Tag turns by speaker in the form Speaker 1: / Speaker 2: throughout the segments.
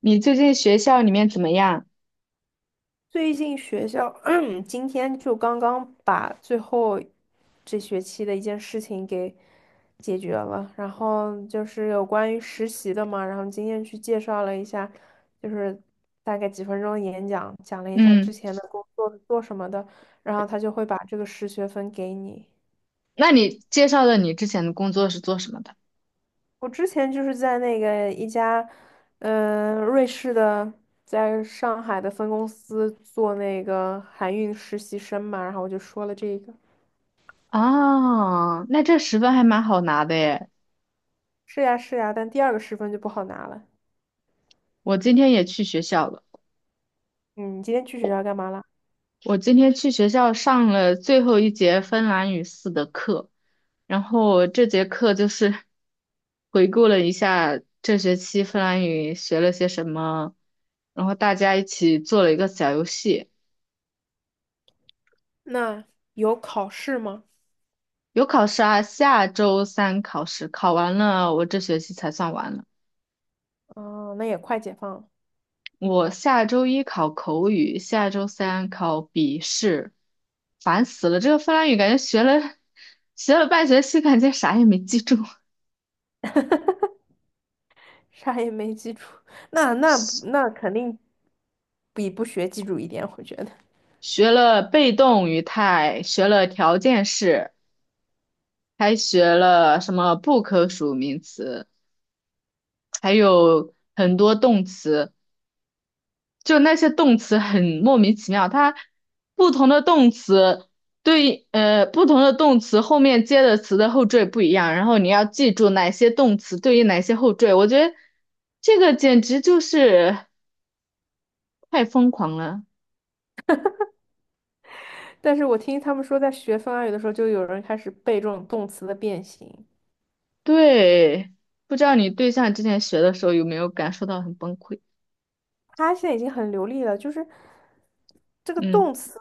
Speaker 1: 你最近学校里面怎么样？
Speaker 2: 最近学校，今天就刚刚把最后这学期的一件事情给解决了，然后就是有关于实习的嘛，然后今天去介绍了一下，就是大概几分钟的演讲，讲了一下之
Speaker 1: 嗯，
Speaker 2: 前的工作是做什么的，然后他就会把这个实学分给你。
Speaker 1: 那你介绍的你之前的工作是做什么的？
Speaker 2: 我之前就是在那个一家，瑞士的。在上海的分公司做那个海运实习生嘛，然后我就说了这个。
Speaker 1: 啊，那这十分还蛮好拿的耶。
Speaker 2: 是呀是呀，但第二个十分就不好拿了。
Speaker 1: 我今天也去学校了，
Speaker 2: 嗯，你今天去学校干嘛了？
Speaker 1: 我今天去学校上了最后一节芬兰语四的课，然后这节课就是 回顾了一下这学期芬兰语学了些什么，然后大家一起做了一个小游戏。
Speaker 2: 那有考试吗？
Speaker 1: 有考试啊，下周三考试，考完了我这学期才算完了。
Speaker 2: 哦，那也快解放了，
Speaker 1: 我下周一考口语，下周三考笔试，烦死了！这个芬兰语感觉学了半学期，感觉啥也没记住。
Speaker 2: 啥也没记住，那那 那肯定比不学记住一点，我觉得。
Speaker 1: 学了被动语态，学了条件式，还学了什么不可数名词，还有很多动词。就那些动词很莫名其妙，它不同的动词对，不同的动词后面接的词的后缀不一样，然后你要记住哪些动词对应哪些后缀。我觉得这个简直就是太疯狂了。
Speaker 2: 但是我听他们说，在学芬兰语的时候，就有人开始背这种动词的变形，
Speaker 1: 对，不知道你对象之前学的时候有没有感受到很崩溃？
Speaker 2: 他现在已经很流利了，就是这个
Speaker 1: 嗯
Speaker 2: 动词，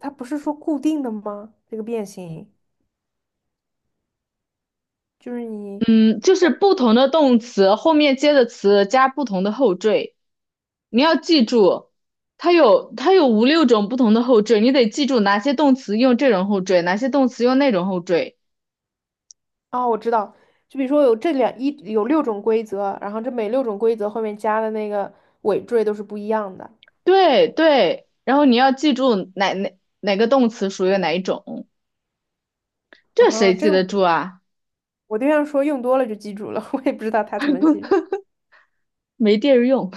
Speaker 2: 它不是说固定的吗？这个变形，就是你。
Speaker 1: 嗯，就是不同的动词后面接的词加不同的后缀。你要记住，它有五六种不同的后缀，你得记住哪些动词用这种后缀，哪些动词用那种后缀。
Speaker 2: 哦，我知道，就比如说有这两一有六种规则，然后这每六种规则后面加的那个尾缀都是不一样的。
Speaker 1: 对对，然后你要记住哪个动词属于哪一种，这
Speaker 2: 啊，
Speaker 1: 谁
Speaker 2: 这
Speaker 1: 记
Speaker 2: 个
Speaker 1: 得住
Speaker 2: 我
Speaker 1: 啊？
Speaker 2: 我对象说用多了就记住了，我也不知道他怎么记住。
Speaker 1: 没地儿用，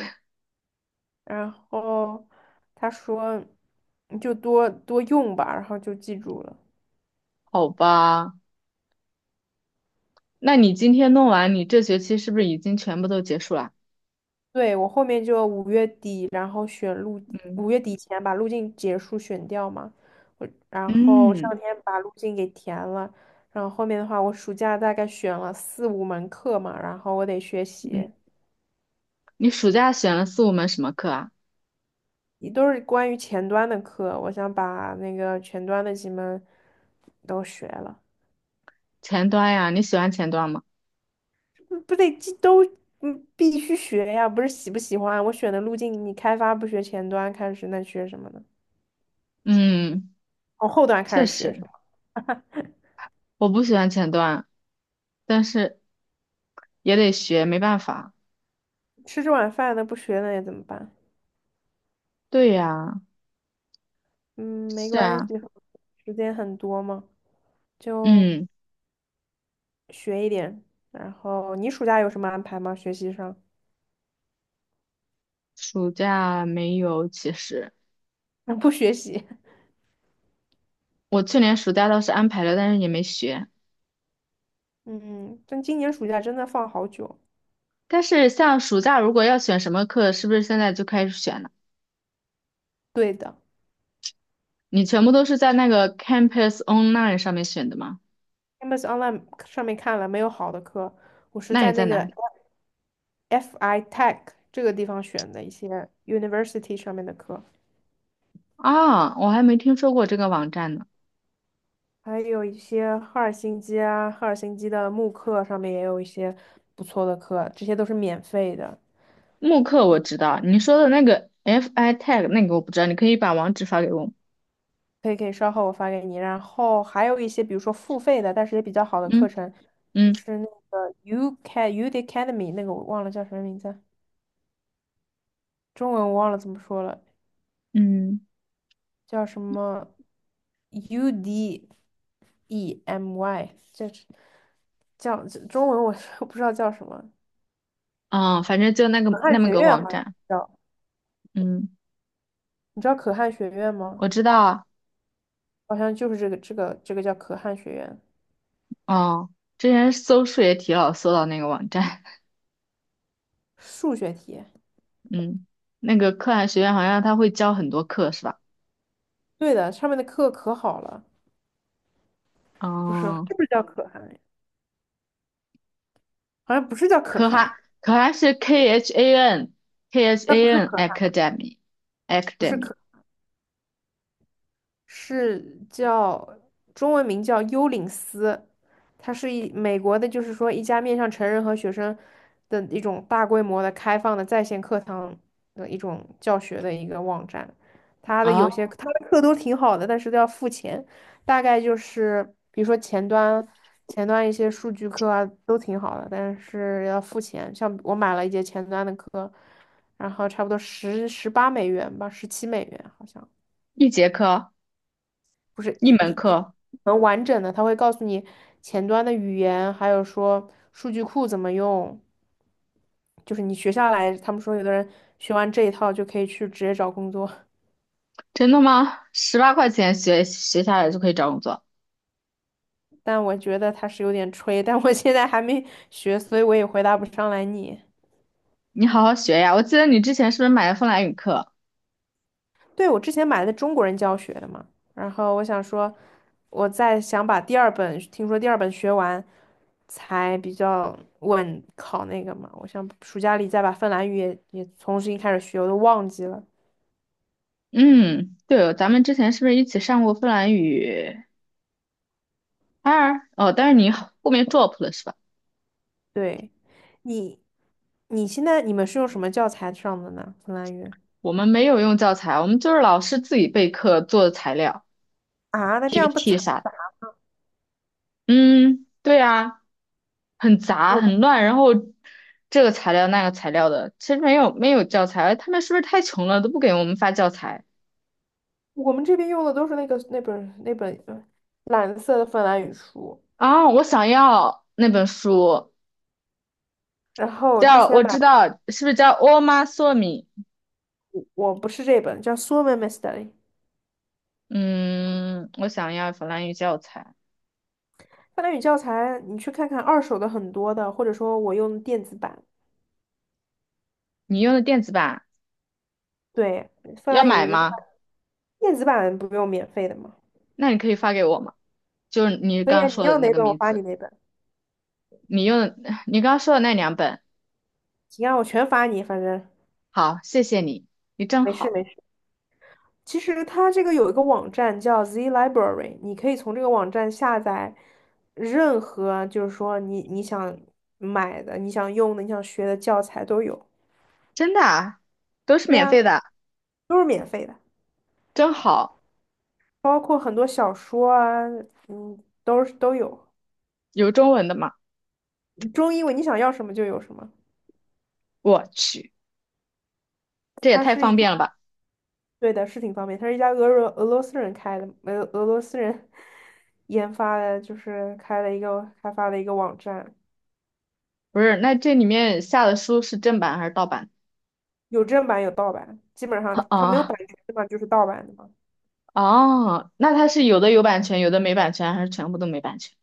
Speaker 2: 然后他说你就多多用吧，然后就记住了。
Speaker 1: 好吧？那你今天弄完，你这学期是不是已经全部都结束了？
Speaker 2: 对，我后面就五月底，然后选路，
Speaker 1: 嗯
Speaker 2: 五月底前把路径结束选掉嘛。我然后这两
Speaker 1: 嗯
Speaker 2: 天把路径给填了，然后后面的话，我暑假大概选了4、5门课嘛，然后我得学
Speaker 1: 嗯，
Speaker 2: 习，
Speaker 1: 你暑假选了四五门什么课啊？
Speaker 2: 也都是关于前端的课，我想把那个前端的几门都学了，
Speaker 1: 前端呀，你喜欢前端吗？
Speaker 2: 嗯不得这都嗯必须学呀，不是喜不喜欢？我选的路径，你开发不学前端开始，那学什么呢？
Speaker 1: 嗯，
Speaker 2: 从后端
Speaker 1: 确
Speaker 2: 开始学。
Speaker 1: 实，我不喜欢前端。但是也得学，没办法。
Speaker 2: 吃这碗饭的不学了也怎么办？
Speaker 1: 对呀，
Speaker 2: 嗯，没
Speaker 1: 是
Speaker 2: 关系，
Speaker 1: 啊，
Speaker 2: 时间很多嘛，就
Speaker 1: 嗯，
Speaker 2: 学一点。然后你暑假有什么安排吗？学习上？
Speaker 1: 暑假没有，其实
Speaker 2: 不学习。
Speaker 1: 我去年暑假倒是安排了，但是也没学。
Speaker 2: 嗯，但今年暑假真的放好久。
Speaker 1: 但是像暑假如果要选什么课，是不是现在就开始选了？
Speaker 2: 对的
Speaker 1: 你全部都是在那个 Campus Online 上面选的吗？
Speaker 2: ，Campus Online 上面看了没有好的课，我是
Speaker 1: 那你
Speaker 2: 在
Speaker 1: 在
Speaker 2: 那
Speaker 1: 哪
Speaker 2: 个
Speaker 1: 儿
Speaker 2: FI Tech 这个地方选的一些 University 上面的课，
Speaker 1: 啊，我还没听说过这个网站呢。
Speaker 2: 还有一些赫尔辛基啊，赫尔辛基的慕课上面也有一些不错的课，这些都是免费的。
Speaker 1: 慕课我知道，你说的那个 FI t c h 那个我不知道，你可以把网址发给我吗？
Speaker 2: 可以可以，稍后我发给你。然后还有一些，比如说付费的，但是也比较好的课
Speaker 1: 嗯
Speaker 2: 程，就
Speaker 1: 嗯
Speaker 2: 是那个 U c U d Academy 那个我忘了叫什么名字，中文我忘了怎么说了，
Speaker 1: 嗯，
Speaker 2: 叫什么 U D E M Y，这是叫这中文我 不知道叫什么，
Speaker 1: 啊，反正就那个
Speaker 2: 可汗
Speaker 1: 那么
Speaker 2: 学
Speaker 1: 个
Speaker 2: 院好
Speaker 1: 网
Speaker 2: 像
Speaker 1: 站。
Speaker 2: 叫，
Speaker 1: 嗯，
Speaker 2: 你知道可汗学院吗？
Speaker 1: 我知道
Speaker 2: 好像就是这个叫可汗学院，
Speaker 1: 啊，哦，之前搜数学题老搜到那个网站，
Speaker 2: 数学题。
Speaker 1: 嗯，那个可汗学院好像他会教很多课是吧？
Speaker 2: 对的，上面的课可好了，不是
Speaker 1: 哦，
Speaker 2: 是不是叫可汗？好像不是叫可
Speaker 1: 可汗
Speaker 2: 汗，
Speaker 1: 可汗是 K H A N K H
Speaker 2: 那不
Speaker 1: A
Speaker 2: 是
Speaker 1: N
Speaker 2: 可汗，
Speaker 1: Academy
Speaker 2: 不是
Speaker 1: Academy
Speaker 2: 可。是叫中文名叫幽灵司，它是一美国的，就是说一家面向成人和学生的一种大规模的开放的在线课堂的一种教学的一个网站。它的
Speaker 1: 啊，
Speaker 2: 有些它的课都挺好的，但是都要付钱，大概就是比如说前端一些数据课啊都挺好的，但是要付钱。像我买了一节前端的课，然后差不多十八美元吧，17美元好像。
Speaker 1: 一节课
Speaker 2: 不是
Speaker 1: 一
Speaker 2: 一一
Speaker 1: 门
Speaker 2: 一
Speaker 1: 课，
Speaker 2: 能完整的，它会告诉你前端的语言，还有说数据库怎么用。就是你学下来，他们说有的人学完这一套就可以去直接找工作，
Speaker 1: 真的吗？十八块钱学下来就可以找工作，
Speaker 2: 但我觉得他是有点吹，但我现在还没学，所以我也回答不上来你。
Speaker 1: 你好好学呀！我记得你之前是不是买了芬兰语课？
Speaker 2: 对，我之前买的中国人教学的嘛，然后我想说，我再想把第二本，听说第二本学完，才比较稳考那个嘛。我想暑假里再把芬兰语也重新开始学，我都忘记了。
Speaker 1: 嗯，对哦，咱们之前是不是一起上过芬兰语？当然，哦，但是你后面 drop 了是吧？
Speaker 2: 对，你你现在你们是用什么教材上的呢？芬兰语
Speaker 1: 我们没有用教材，我们就是老师自己备课做的材料、
Speaker 2: 啊？那这样不惨，
Speaker 1: PPT 啥的嗯，对啊，很杂
Speaker 2: 我们
Speaker 1: 很乱，然后这个材料那个材料的，其实没有教材，他们是不是太穷了都不给我们发教材
Speaker 2: 我们这边用的都是那个那本蓝色的芬兰语书，
Speaker 1: 啊？我想要那本书，
Speaker 2: 然后之
Speaker 1: 叫
Speaker 2: 前
Speaker 1: 我
Speaker 2: 买
Speaker 1: 知道是不是叫《欧妈索米》？
Speaker 2: 我不是这本，叫《Suomen m e s t a r y
Speaker 1: 嗯，我想要法兰语教材，
Speaker 2: 芬兰语教材，你去看看二手的很多的，或者说我用电子版。
Speaker 1: 你用的电子版
Speaker 2: 对，芬
Speaker 1: 要
Speaker 2: 兰
Speaker 1: 买
Speaker 2: 语的
Speaker 1: 吗？
Speaker 2: 电子版不用免费的嘛。
Speaker 1: 那你可以发给我吗？就是你
Speaker 2: 可以
Speaker 1: 刚
Speaker 2: 啊，
Speaker 1: 刚
Speaker 2: 你
Speaker 1: 说的
Speaker 2: 要
Speaker 1: 那
Speaker 2: 哪
Speaker 1: 个
Speaker 2: 本我
Speaker 1: 名
Speaker 2: 发你
Speaker 1: 字，
Speaker 2: 哪本。
Speaker 1: 你用的 你刚刚说的那两本，
Speaker 2: 行啊，我全发你，反正
Speaker 1: 好，谢谢你，你真
Speaker 2: 没事
Speaker 1: 好，
Speaker 2: 没事。其实它这个有一个网站叫 Z Library，你可以从这个网站下载任何，就是说你想买的、你想用的、你想学的教材都有。
Speaker 1: 真的啊，都是
Speaker 2: 对
Speaker 1: 免
Speaker 2: 啊，
Speaker 1: 费的，
Speaker 2: 都是免费的，
Speaker 1: 真好，
Speaker 2: 包括很多小说啊，嗯，都有。
Speaker 1: 有中文的吗？
Speaker 2: 中英文你想要什么就有什么。
Speaker 1: 我去，这也
Speaker 2: 它
Speaker 1: 太
Speaker 2: 是一
Speaker 1: 方
Speaker 2: 家，
Speaker 1: 便了吧！
Speaker 2: 对的，是挺方便。它是一家俄罗斯人开的，俄罗斯人 研发的，就是开发了一个网站，
Speaker 1: 不是，那这里面下的书是正版还是盗版？
Speaker 2: 有正版有盗版，基本上 它没有版
Speaker 1: 啊
Speaker 2: 权的嘛，就是盗版的嘛，
Speaker 1: 哦，那它是有的有版权，有的没版权，还是全部都没版权？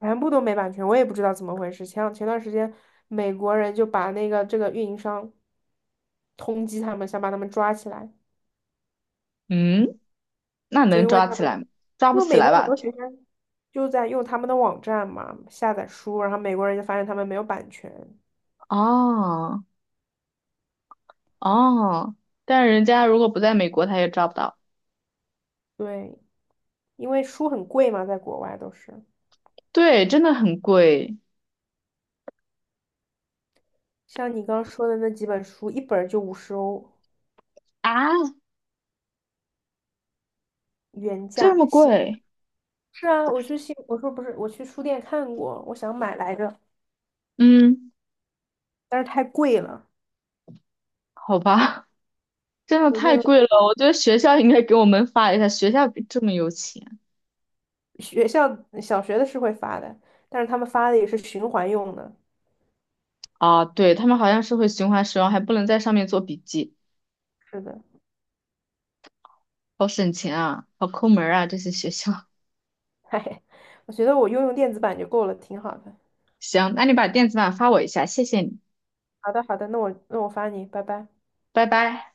Speaker 2: 全部都没版权，我也不知道怎么回事。前段时间，美国人就把那个这个运营商通缉他们，想把他们抓起来，
Speaker 1: 嗯，那
Speaker 2: 就
Speaker 1: 能
Speaker 2: 因为
Speaker 1: 抓
Speaker 2: 他
Speaker 1: 起
Speaker 2: 们，
Speaker 1: 来吗？抓不
Speaker 2: 因为
Speaker 1: 起
Speaker 2: 美
Speaker 1: 来
Speaker 2: 国很
Speaker 1: 吧？
Speaker 2: 多学生就在用他们的网站嘛下载书，然后美国人就发现他们没有版权，
Speaker 1: 哦哦，但是人家如果不在美国，他也抓不到。
Speaker 2: 对。因为书很贵嘛，在国外都是。
Speaker 1: 对，真的很贵，
Speaker 2: 像你刚刚说的那几本书，一本儿就50欧
Speaker 1: 啊，
Speaker 2: 原
Speaker 1: 这
Speaker 2: 价
Speaker 1: 么
Speaker 2: 新。
Speaker 1: 贵？
Speaker 2: 是啊，我去新，我说不是，我去书店看过，我想买来着，
Speaker 1: 嗯，
Speaker 2: 但是太贵了。
Speaker 1: 好吧，真的
Speaker 2: 我
Speaker 1: 太
Speaker 2: 用
Speaker 1: 贵了，我觉得学校应该给我们发一下，学校比这么有钱
Speaker 2: 学校小学的是会发的，但是他们发的也是循环用的。
Speaker 1: 啊，对，他们好像是会循环使用，还不能在上面做笔记，
Speaker 2: 是的，
Speaker 1: 好省钱啊，好抠门儿啊，这些学校。
Speaker 2: 嘿，我觉得用电子版就够了，挺好的。
Speaker 1: 行，那你把电子版发我一下，谢谢你，
Speaker 2: 好的，好的，那我发你，拜拜。
Speaker 1: 拜拜。